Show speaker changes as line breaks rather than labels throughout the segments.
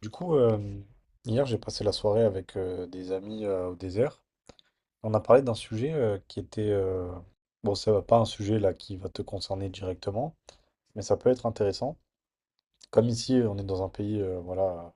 Du coup, hier, j'ai passé la soirée avec des amis au désert. On a parlé d'un sujet Bon, ça va pas, un sujet là qui va te concerner directement, mais ça peut être intéressant. Comme ici, on est dans un pays, voilà,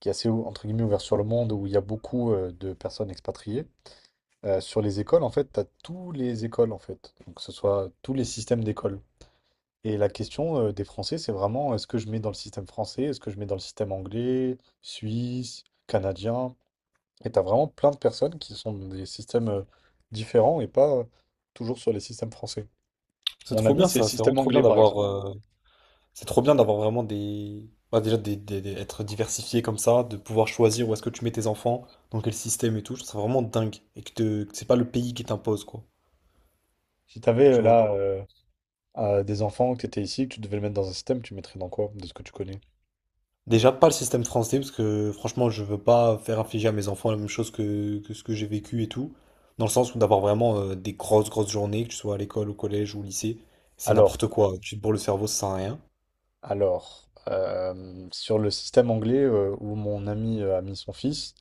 qui est assez, entre guillemets, ouvert sur le monde, où il y a beaucoup de personnes expatriées. Sur les écoles, en fait, tu as tous les écoles, en fait. Donc, que ce soit tous les systèmes d'école. Et la question des Français, c'est vraiment, est-ce que je mets dans le système français, est-ce que je mets dans le système anglais, suisse, canadien? Et t'as vraiment plein de personnes qui sont dans des systèmes différents et pas toujours sur les systèmes français.
C'est
Mon
trop
ami,
bien
c'est le
ça, c'est vraiment
système
trop bien
anglais, par
d'avoir
exemple.
c'est trop bien d'avoir vraiment des bah, déjà être diversifié comme ça, de pouvoir choisir où est-ce que tu mets tes enfants, dans quel système et tout, je trouve ça vraiment dingue et que, que c'est pas le pays qui t'impose quoi,
Si t'avais
tu vois.
là, des enfants, que t'étais ici, que tu devais le mettre dans un système, tu mettrais dans quoi, de ce que tu connais?
Déjà pas le système français parce que franchement, je veux pas faire infliger à mes enfants la même chose que ce que j'ai vécu et tout, dans le sens où d'avoir vraiment des grosses grosses journées que tu sois à l'école, au collège ou au lycée, c'est
Alors,
n'importe quoi, tu te bourres le cerveau, ça sert à rien.
alors, sur le système anglais où mon ami a mis son fils,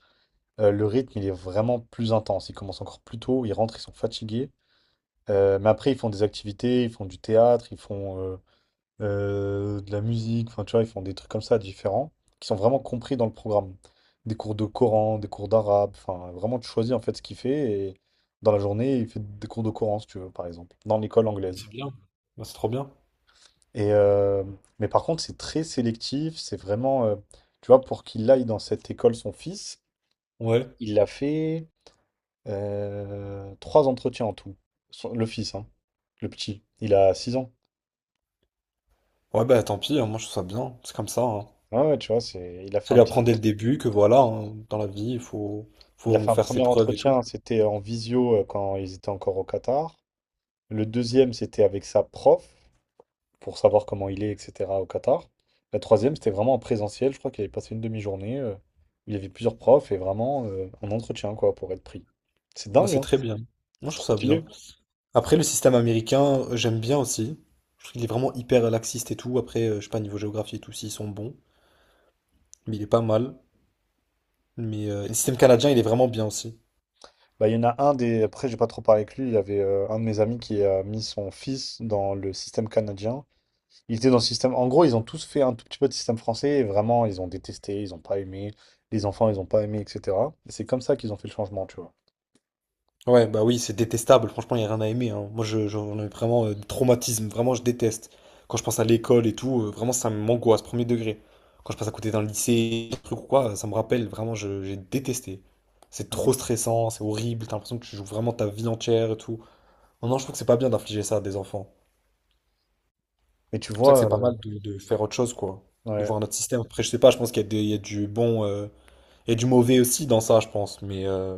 le rythme il est vraiment plus intense. Ils commencent encore plus tôt, ils rentrent, ils sont fatigués. Mais après, ils font des activités, ils font du théâtre, ils font de la musique, enfin tu vois, ils font des trucs comme ça différents, qui sont vraiment compris dans le programme. Des cours de Coran, des cours d'arabe, enfin vraiment tu choisis en fait ce qu'il fait et dans la journée il fait des cours de Coran si tu veux par exemple, dans l'école anglaise.
Bah, c'est trop bien.
Et euh, mais par contre c'est très sélectif, c'est vraiment, tu vois, pour qu'il aille dans cette école son fils,
Ouais.
il l'a fait trois entretiens en tout. Le fils, hein, le petit, il a 6 ans.
Ouais bah tant pis, hein, moi je trouve ça bien, c'est comme ça, hein.
Ouais, ouais, tu vois, c'est, il a fait
Ça
un
lui
petit.
apprend dès le début que voilà, hein, dans la vie, il faut,
Il a fait
faut
un
faire
premier
ses preuves et tout.
entretien, c'était en visio quand ils étaient encore au Qatar. Le deuxième, c'était avec sa prof, pour savoir comment il est, etc. au Qatar. La troisième, c'était vraiment en présentiel. Je crois qu'il avait passé une demi-journée, où il y avait plusieurs profs et vraiment un entretien, quoi, pour être pris. C'est
Moi,
dingue,
c'est
hein?
très bien. Moi,
C'est
je trouve
trop
ça
stylé.
bien. Après, le système américain, j'aime bien aussi. Je trouve qu'il est vraiment hyper laxiste et tout. Après, je sais pas, niveau géographie et tout, s'ils sont bons. Mais il est pas mal. Mais le système canadien, il est vraiment bien aussi.
Bah, il y en a un des. Après, j'ai pas trop parlé avec lui. Il y avait un de mes amis qui a mis son fils dans le système canadien. Ils étaient dans le système. En gros, ils ont tous fait un tout petit peu de système français et vraiment, ils ont détesté, ils ont pas aimé, les enfants, ils ont pas aimé, etc. Et c'est comme ça qu'ils ont fait le changement, tu vois.
Ouais, bah oui, c'est détestable. Franchement, il n'y a rien à aimer, hein. Moi, j'en ai vraiment des traumatismes. Vraiment, je déteste. Quand je pense à l'école et tout, vraiment, ça m'angoisse, premier degré. Quand je passe à côté d'un lycée, un truc ou quoi, ça me rappelle. Vraiment, j'ai détesté. C'est
Ah,
trop
mais-
stressant, c'est horrible. T'as l'impression que tu joues vraiment ta vie entière et tout. Non, non, je trouve que c'est pas bien d'infliger ça à des enfants.
Mais tu
C'est pour ça que c'est
vois,
pas mal de faire autre chose, quoi. De
ouais.
voir notre système. Après, je sais pas, je pense qu'il y a il y a du bon. Il y a du mauvais aussi dans ça, je pense. Mais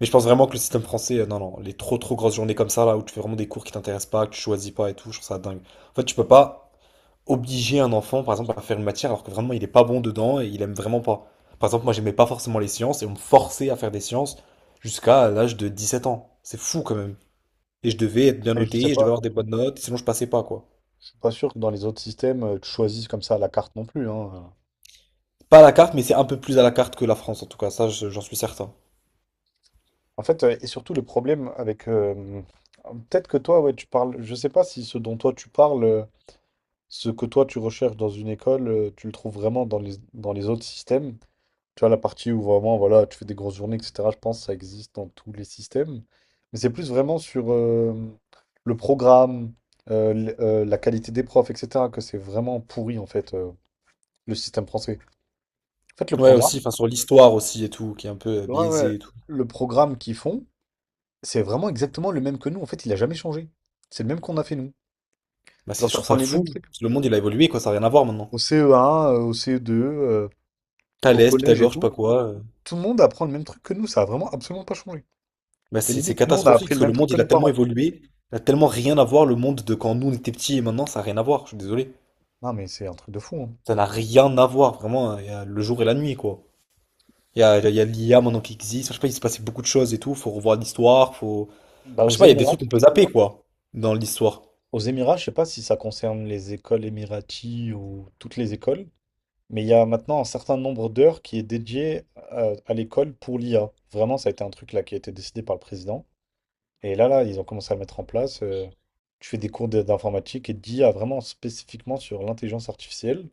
mais je pense vraiment que le système français, non, non, les trop trop grosses journées comme ça, là, où tu fais vraiment des cours qui t'intéressent pas, que tu choisis pas et tout, je trouve ça dingue. En fait, tu peux pas obliger un enfant, par exemple, à faire une matière alors que vraiment il est pas bon dedans et il aime vraiment pas. Par exemple, moi, j'aimais pas forcément les sciences et on me forçait à faire des sciences jusqu'à l'âge de 17 ans. C'est fou quand même. Et je devais être bien
Mais je sais
noté, je devais
pas,
avoir des bonnes notes, sinon je passais pas, quoi.
je suis pas sûr que dans les autres systèmes, tu choisisses comme ça à la carte non plus, hein.
Pas à la carte, mais c'est un peu plus à la carte que la France, en tout cas, ça, j'en suis certain.
En fait, et surtout le problème avec, peut-être que toi, ouais, tu parles. Je sais pas si ce dont toi tu parles, ce que toi tu recherches dans une école, tu le trouves vraiment dans les autres systèmes. Tu vois, la partie où vraiment, voilà, tu fais des grosses journées, etc. Je pense que ça existe dans tous les systèmes. Mais c'est plus vraiment sur le programme, la qualité des profs, etc. que c'est vraiment pourri, en fait, le système français. En fait, le
Ouais, aussi,
programme,
enfin, sur l'histoire aussi et tout, qui est un peu
ouais, ouais,
biaisée et tout.
le programme qu'ils font, c'est vraiment exactement le même que nous. En fait, il a jamais changé. C'est le même qu'on a fait nous.
Bah,
Genre,
c'est, je trouve
t'apprends
ça
les mêmes
fou.
trucs
Le monde, il a évolué, quoi, ça n'a rien à voir maintenant.
au CE1, au CE2, au
Thalès,
collège et
Pythagore, je sais pas
tout.
quoi,
Tout le monde apprend le même truc que nous. Ça a vraiment absolument pas changé.
Bah,
Et
c'est
limite, nous, on a
catastrophique
appris
parce
le
que le
même truc
monde
que
il a
nos
tellement
parents.
évolué, il a tellement rien à voir le monde de quand nous on était petits et maintenant ça a rien à voir, je suis désolé.
Non, mais c'est un truc de fou, hein.
Ça n'a rien à voir, vraiment, hein, il y a le jour et la nuit quoi. Il y a l'IA maintenant qui existe, je sais pas, il s'est passé beaucoup de choses et tout, faut revoir l'histoire, faut. Enfin,
Bah,
je
aux
sais pas, il y a des
Émirats,
trucs qu'on peut zapper quoi, dans l'histoire.
aux Émirats, je sais pas si ça concerne les écoles émiraties ou toutes les écoles, mais il y a maintenant un certain nombre d'heures qui est dédié à l'école pour l'IA. Vraiment, ça a été un truc là qui a été décidé par le président. Et là, ils ont commencé à le mettre en place. Tu fais des d'informatique et d'IA vraiment spécifiquement sur l'intelligence artificielle,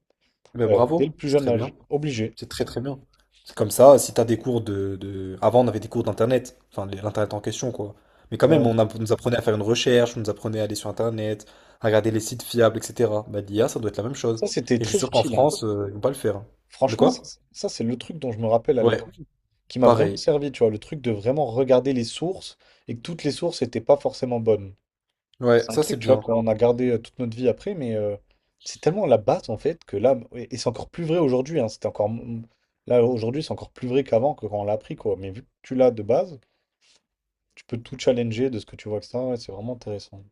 Mais
dès le
bravo,
plus
c'est
jeune
très
âge,
bien.
obligé.
C'est très très bien. C'est comme ça, si t'as des cours avant, on avait des cours d'internet, enfin l'internet en question, quoi. Mais quand
Euh,
même, on nous apprenait à faire une recherche, on nous apprenait à aller sur internet, à regarder les sites fiables, etc. Bah, l'IA, ça doit être la même chose.
Ça, c'était
Et je suis
très
sûr qu'en
utile, hein.
France, ils vont pas le faire. De
Franchement,
quoi?
ça, c'est le truc dont je me rappelle à
Ouais,
l'école qui m'a vraiment
pareil.
servi, tu vois, le truc de vraiment regarder les sources et que toutes les sources n'étaient pas forcément bonnes.
Ouais,
C'est un
ça
truc,
c'est
tu vois,
bien.
qu'on a gardé toute notre vie après, mais c'est tellement la base en fait que là, et c'est encore plus vrai aujourd'hui, hein, là aujourd'hui, c'est encore plus vrai qu'avant, que quand on l'a appris, quoi. Mais vu que tu l'as de base, tu peux tout challenger de ce que tu vois, ça, c'est vraiment intéressant.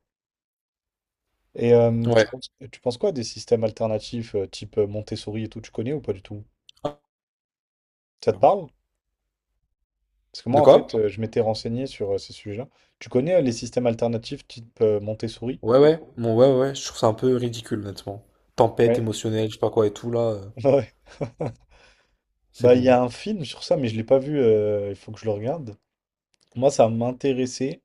Tu
Ouais.
penses, tu penses quoi des systèmes alternatifs, type Montessori et tout, tu connais ou pas du tout? Ça te parle? Parce que moi,
De
en
quoi?
fait, je m'étais renseigné sur ces sujets-là. Tu connais les systèmes alternatifs type Montessori?
Ouais, ouais. Bon, ouais, ouais, ouais, je trouve ça un peu ridicule, honnêtement. Tempête
Ouais.
émotionnelle, je sais pas quoi et tout, là,
Ouais.
c'est
Bah, il y a
bon.
un film sur ça, mais je l'ai pas vu. Il faut que je le regarde. Moi, ça m'intéressait.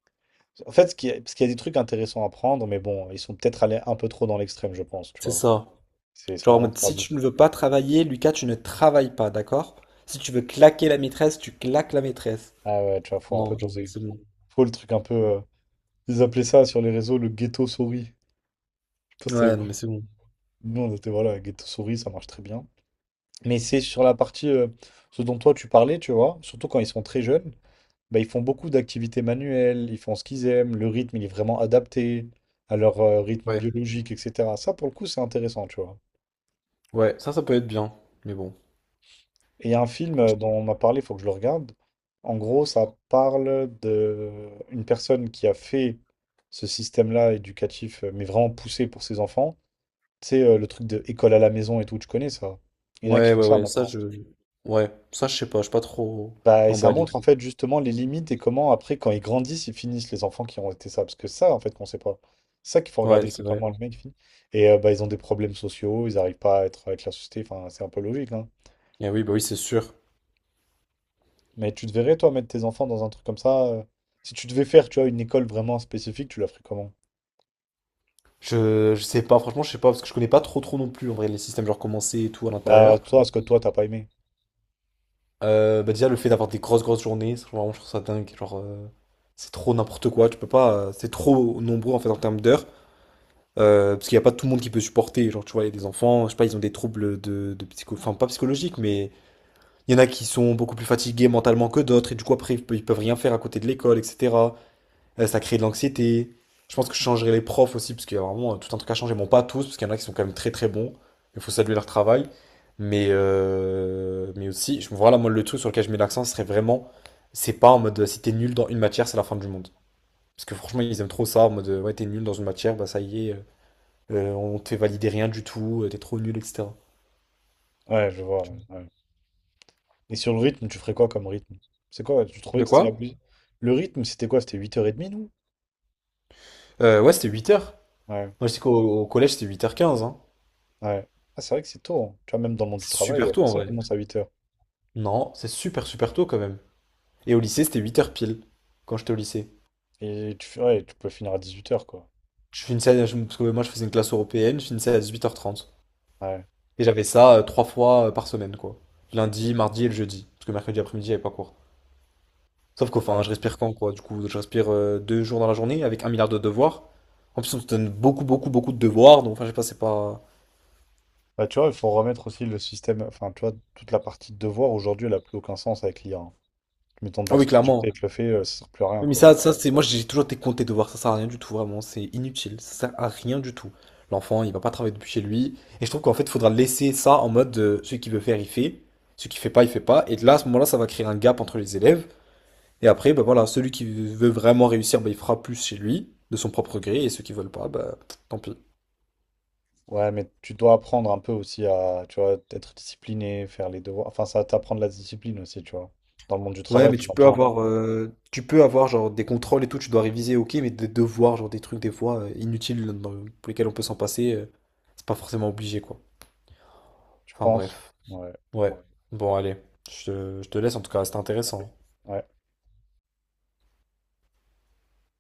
En fait, parce qu'il y a des trucs intéressants à prendre, mais bon, ils sont peut-être allés un peu trop dans l'extrême, je pense, tu
C'est
vois.
ça.
C'est
Genre en
vraiment
mode,
trop
si tu
abusé.
ne veux pas travailler, Lucas, tu ne travailles pas, d'accord? Si tu veux claquer la maîtresse, tu claques la maîtresse.
Ah ouais, tu vois, faut un peu
Non, genre,
doser.
c'est bon.
Faut le truc un peu. Ils appelaient ça sur les réseaux le ghetto souris. Je sais pas si t'avais
Ouais, non,
vu.
mais c'est bon.
Nous, on était, voilà, ghetto souris, ça marche très bien. Mais c'est sur la partie ce dont toi tu parlais, tu vois, surtout quand ils sont très jeunes, bah, ils font beaucoup d'activités manuelles, ils font ce qu'ils aiment, le rythme il est vraiment adapté à leur rythme
Ouais,
biologique, etc. Ça pour le coup c'est intéressant, tu vois.
ouais, ça peut être bien. Mais bon.
Et il y a un film dont on m'a parlé, il faut que je le regarde. En gros, ça parle de une personne qui a fait ce système-là éducatif, mais vraiment poussé pour ses enfants. C'est le truc de école à la maison et tout, tu connais ça? Il y en a qui
Ouais,
font
ouais,
ça
ouais, ça,
maintenant.
je. Ouais, ça, je sais pas, je suis pas trop
Bah, et ça
emballé.
montre en fait justement les limites, et comment après quand ils grandissent ils finissent, les enfants qui ont été ça, parce que ça, en fait, qu'on sait pas, c'est ça qu'il faut
Ouais,
regarder,
c'est
c'est
vrai.
comment le mec finit. Et bah ils ont des problèmes sociaux, ils arrivent pas à être avec la société, enfin c'est un peu logique, hein.
Eh oui, bah oui, c'est sûr.
Mais tu te verrais toi mettre tes enfants dans un truc comme ça, si tu devais faire tu vois une école vraiment spécifique tu la ferais comment?
Je sais pas, franchement, je sais pas, parce que je connais pas trop trop non plus, en vrai, les systèmes, genre, comment c'est et tout à
Bah
l'intérieur.
toi, ce que toi t'as pas aimé.
Bah déjà, le fait d'avoir des grosses, grosses journées, ça, vraiment, je trouve ça dingue. Genre, c'est trop n'importe quoi, tu peux pas, c'est trop nombreux, en fait, en termes d'heures. Parce qu'il n'y a pas tout le monde qui peut supporter. Genre, tu vois, il y a des enfants, je sais pas, ils ont des troubles de psycho... Enfin, pas psychologiques, mais il y en a qui sont beaucoup plus fatigués mentalement que d'autres, et du coup, après, ils peuvent rien faire à côté de l'école, etc. Ça crée de l'anxiété. Je pense que je changerai les profs aussi, parce qu'il y a vraiment tout un truc à changer. Bon, pas tous, parce qu'il y en a qui sont quand même très très bons. Il faut saluer leur travail. Mais aussi, je, voilà, moi, le truc sur lequel je mets l'accent, ce serait vraiment, c'est pas en mode, si t'es nul dans une matière, c'est la fin du monde. Parce que franchement, ils aiment trop ça, en mode, ouais, t'es nul dans une matière, bah ça y est. On te fait valider rien du tout, t'es trop nul, etc.
Ouais je vois, ouais, ouais. Et sur le rythme, tu ferais quoi comme rythme? C'est quoi? Tu trouvais
De
que c'était
quoi?
abusé? Le rythme, c'était quoi? C'était 8h30, nous?
Ouais, c'était 8 heures.
Ouais,
Moi, je sais qu'au au collège, c'était 8h15, hein.
ouais. Ah, c'est vrai que c'est tôt, hein. Tu vois, même dans le monde du
C'est
travail, la
super tôt en
personne
vrai.
commence à 8h.
Non, c'est super, super tôt quand même. Et au lycée, c'était 8 heures pile, quand j'étais au lycée.
Et ouais, tu peux finir à 18h quoi.
Je finissais, parce que moi, je faisais une classe européenne, je finissais à 8h30.
Ouais,
Et j'avais ça trois fois par semaine, quoi. Lundi, mardi et le jeudi. Parce que mercredi après-midi, j'avais pas cours. Sauf qu'enfin,
ouais.
je respire quand, quoi. Du coup, je respire 2 jours dans la journée avec un milliard de devoirs. En plus, on te donne beaucoup, beaucoup, beaucoup de devoirs. Donc, enfin, je sais pas, c'est pas.
Bah, tu vois, il faut remettre aussi le système. Enfin, tu vois, toute la partie de devoir, aujourd'hui, elle n'a plus aucun sens avec l'IA, hein. Mais ton
Ah
devoir
oui,
subjecté
clairement.
avec le fait, ça sert plus à rien,
Oui, mais
quoi.
ça c'est moi j'ai toujours été compté de voir ça, sert à rien du tout vraiment, c'est inutile, ça sert à rien du tout. L'enfant il va pas travailler depuis chez lui et je trouve qu'en fait il faudra laisser ça en mode celui qui veut faire il fait, celui qui fait pas il fait pas et là à ce moment-là ça va créer un gap entre les élèves et après bah voilà celui qui veut vraiment réussir bah, il fera plus chez lui de son propre gré et ceux qui veulent pas bah tant pis.
Ouais, mais tu dois apprendre un peu aussi à, tu vois, être discipliné, faire les devoirs. Enfin, ça va t'apprendre la discipline aussi, tu vois. Dans le monde du
Ouais
travail,
mais
tu en as besoin.
tu peux avoir genre des contrôles et tout, tu dois réviser ok mais des devoirs genre des trucs des fois inutiles pour lesquels on peut s'en passer, c'est pas forcément obligé quoi.
Tu
Enfin
penses?
bref.
Ouais.
Ouais. Bon, allez. Je te laisse, en tout cas, c'était
Ouais.
intéressant.
Ouais.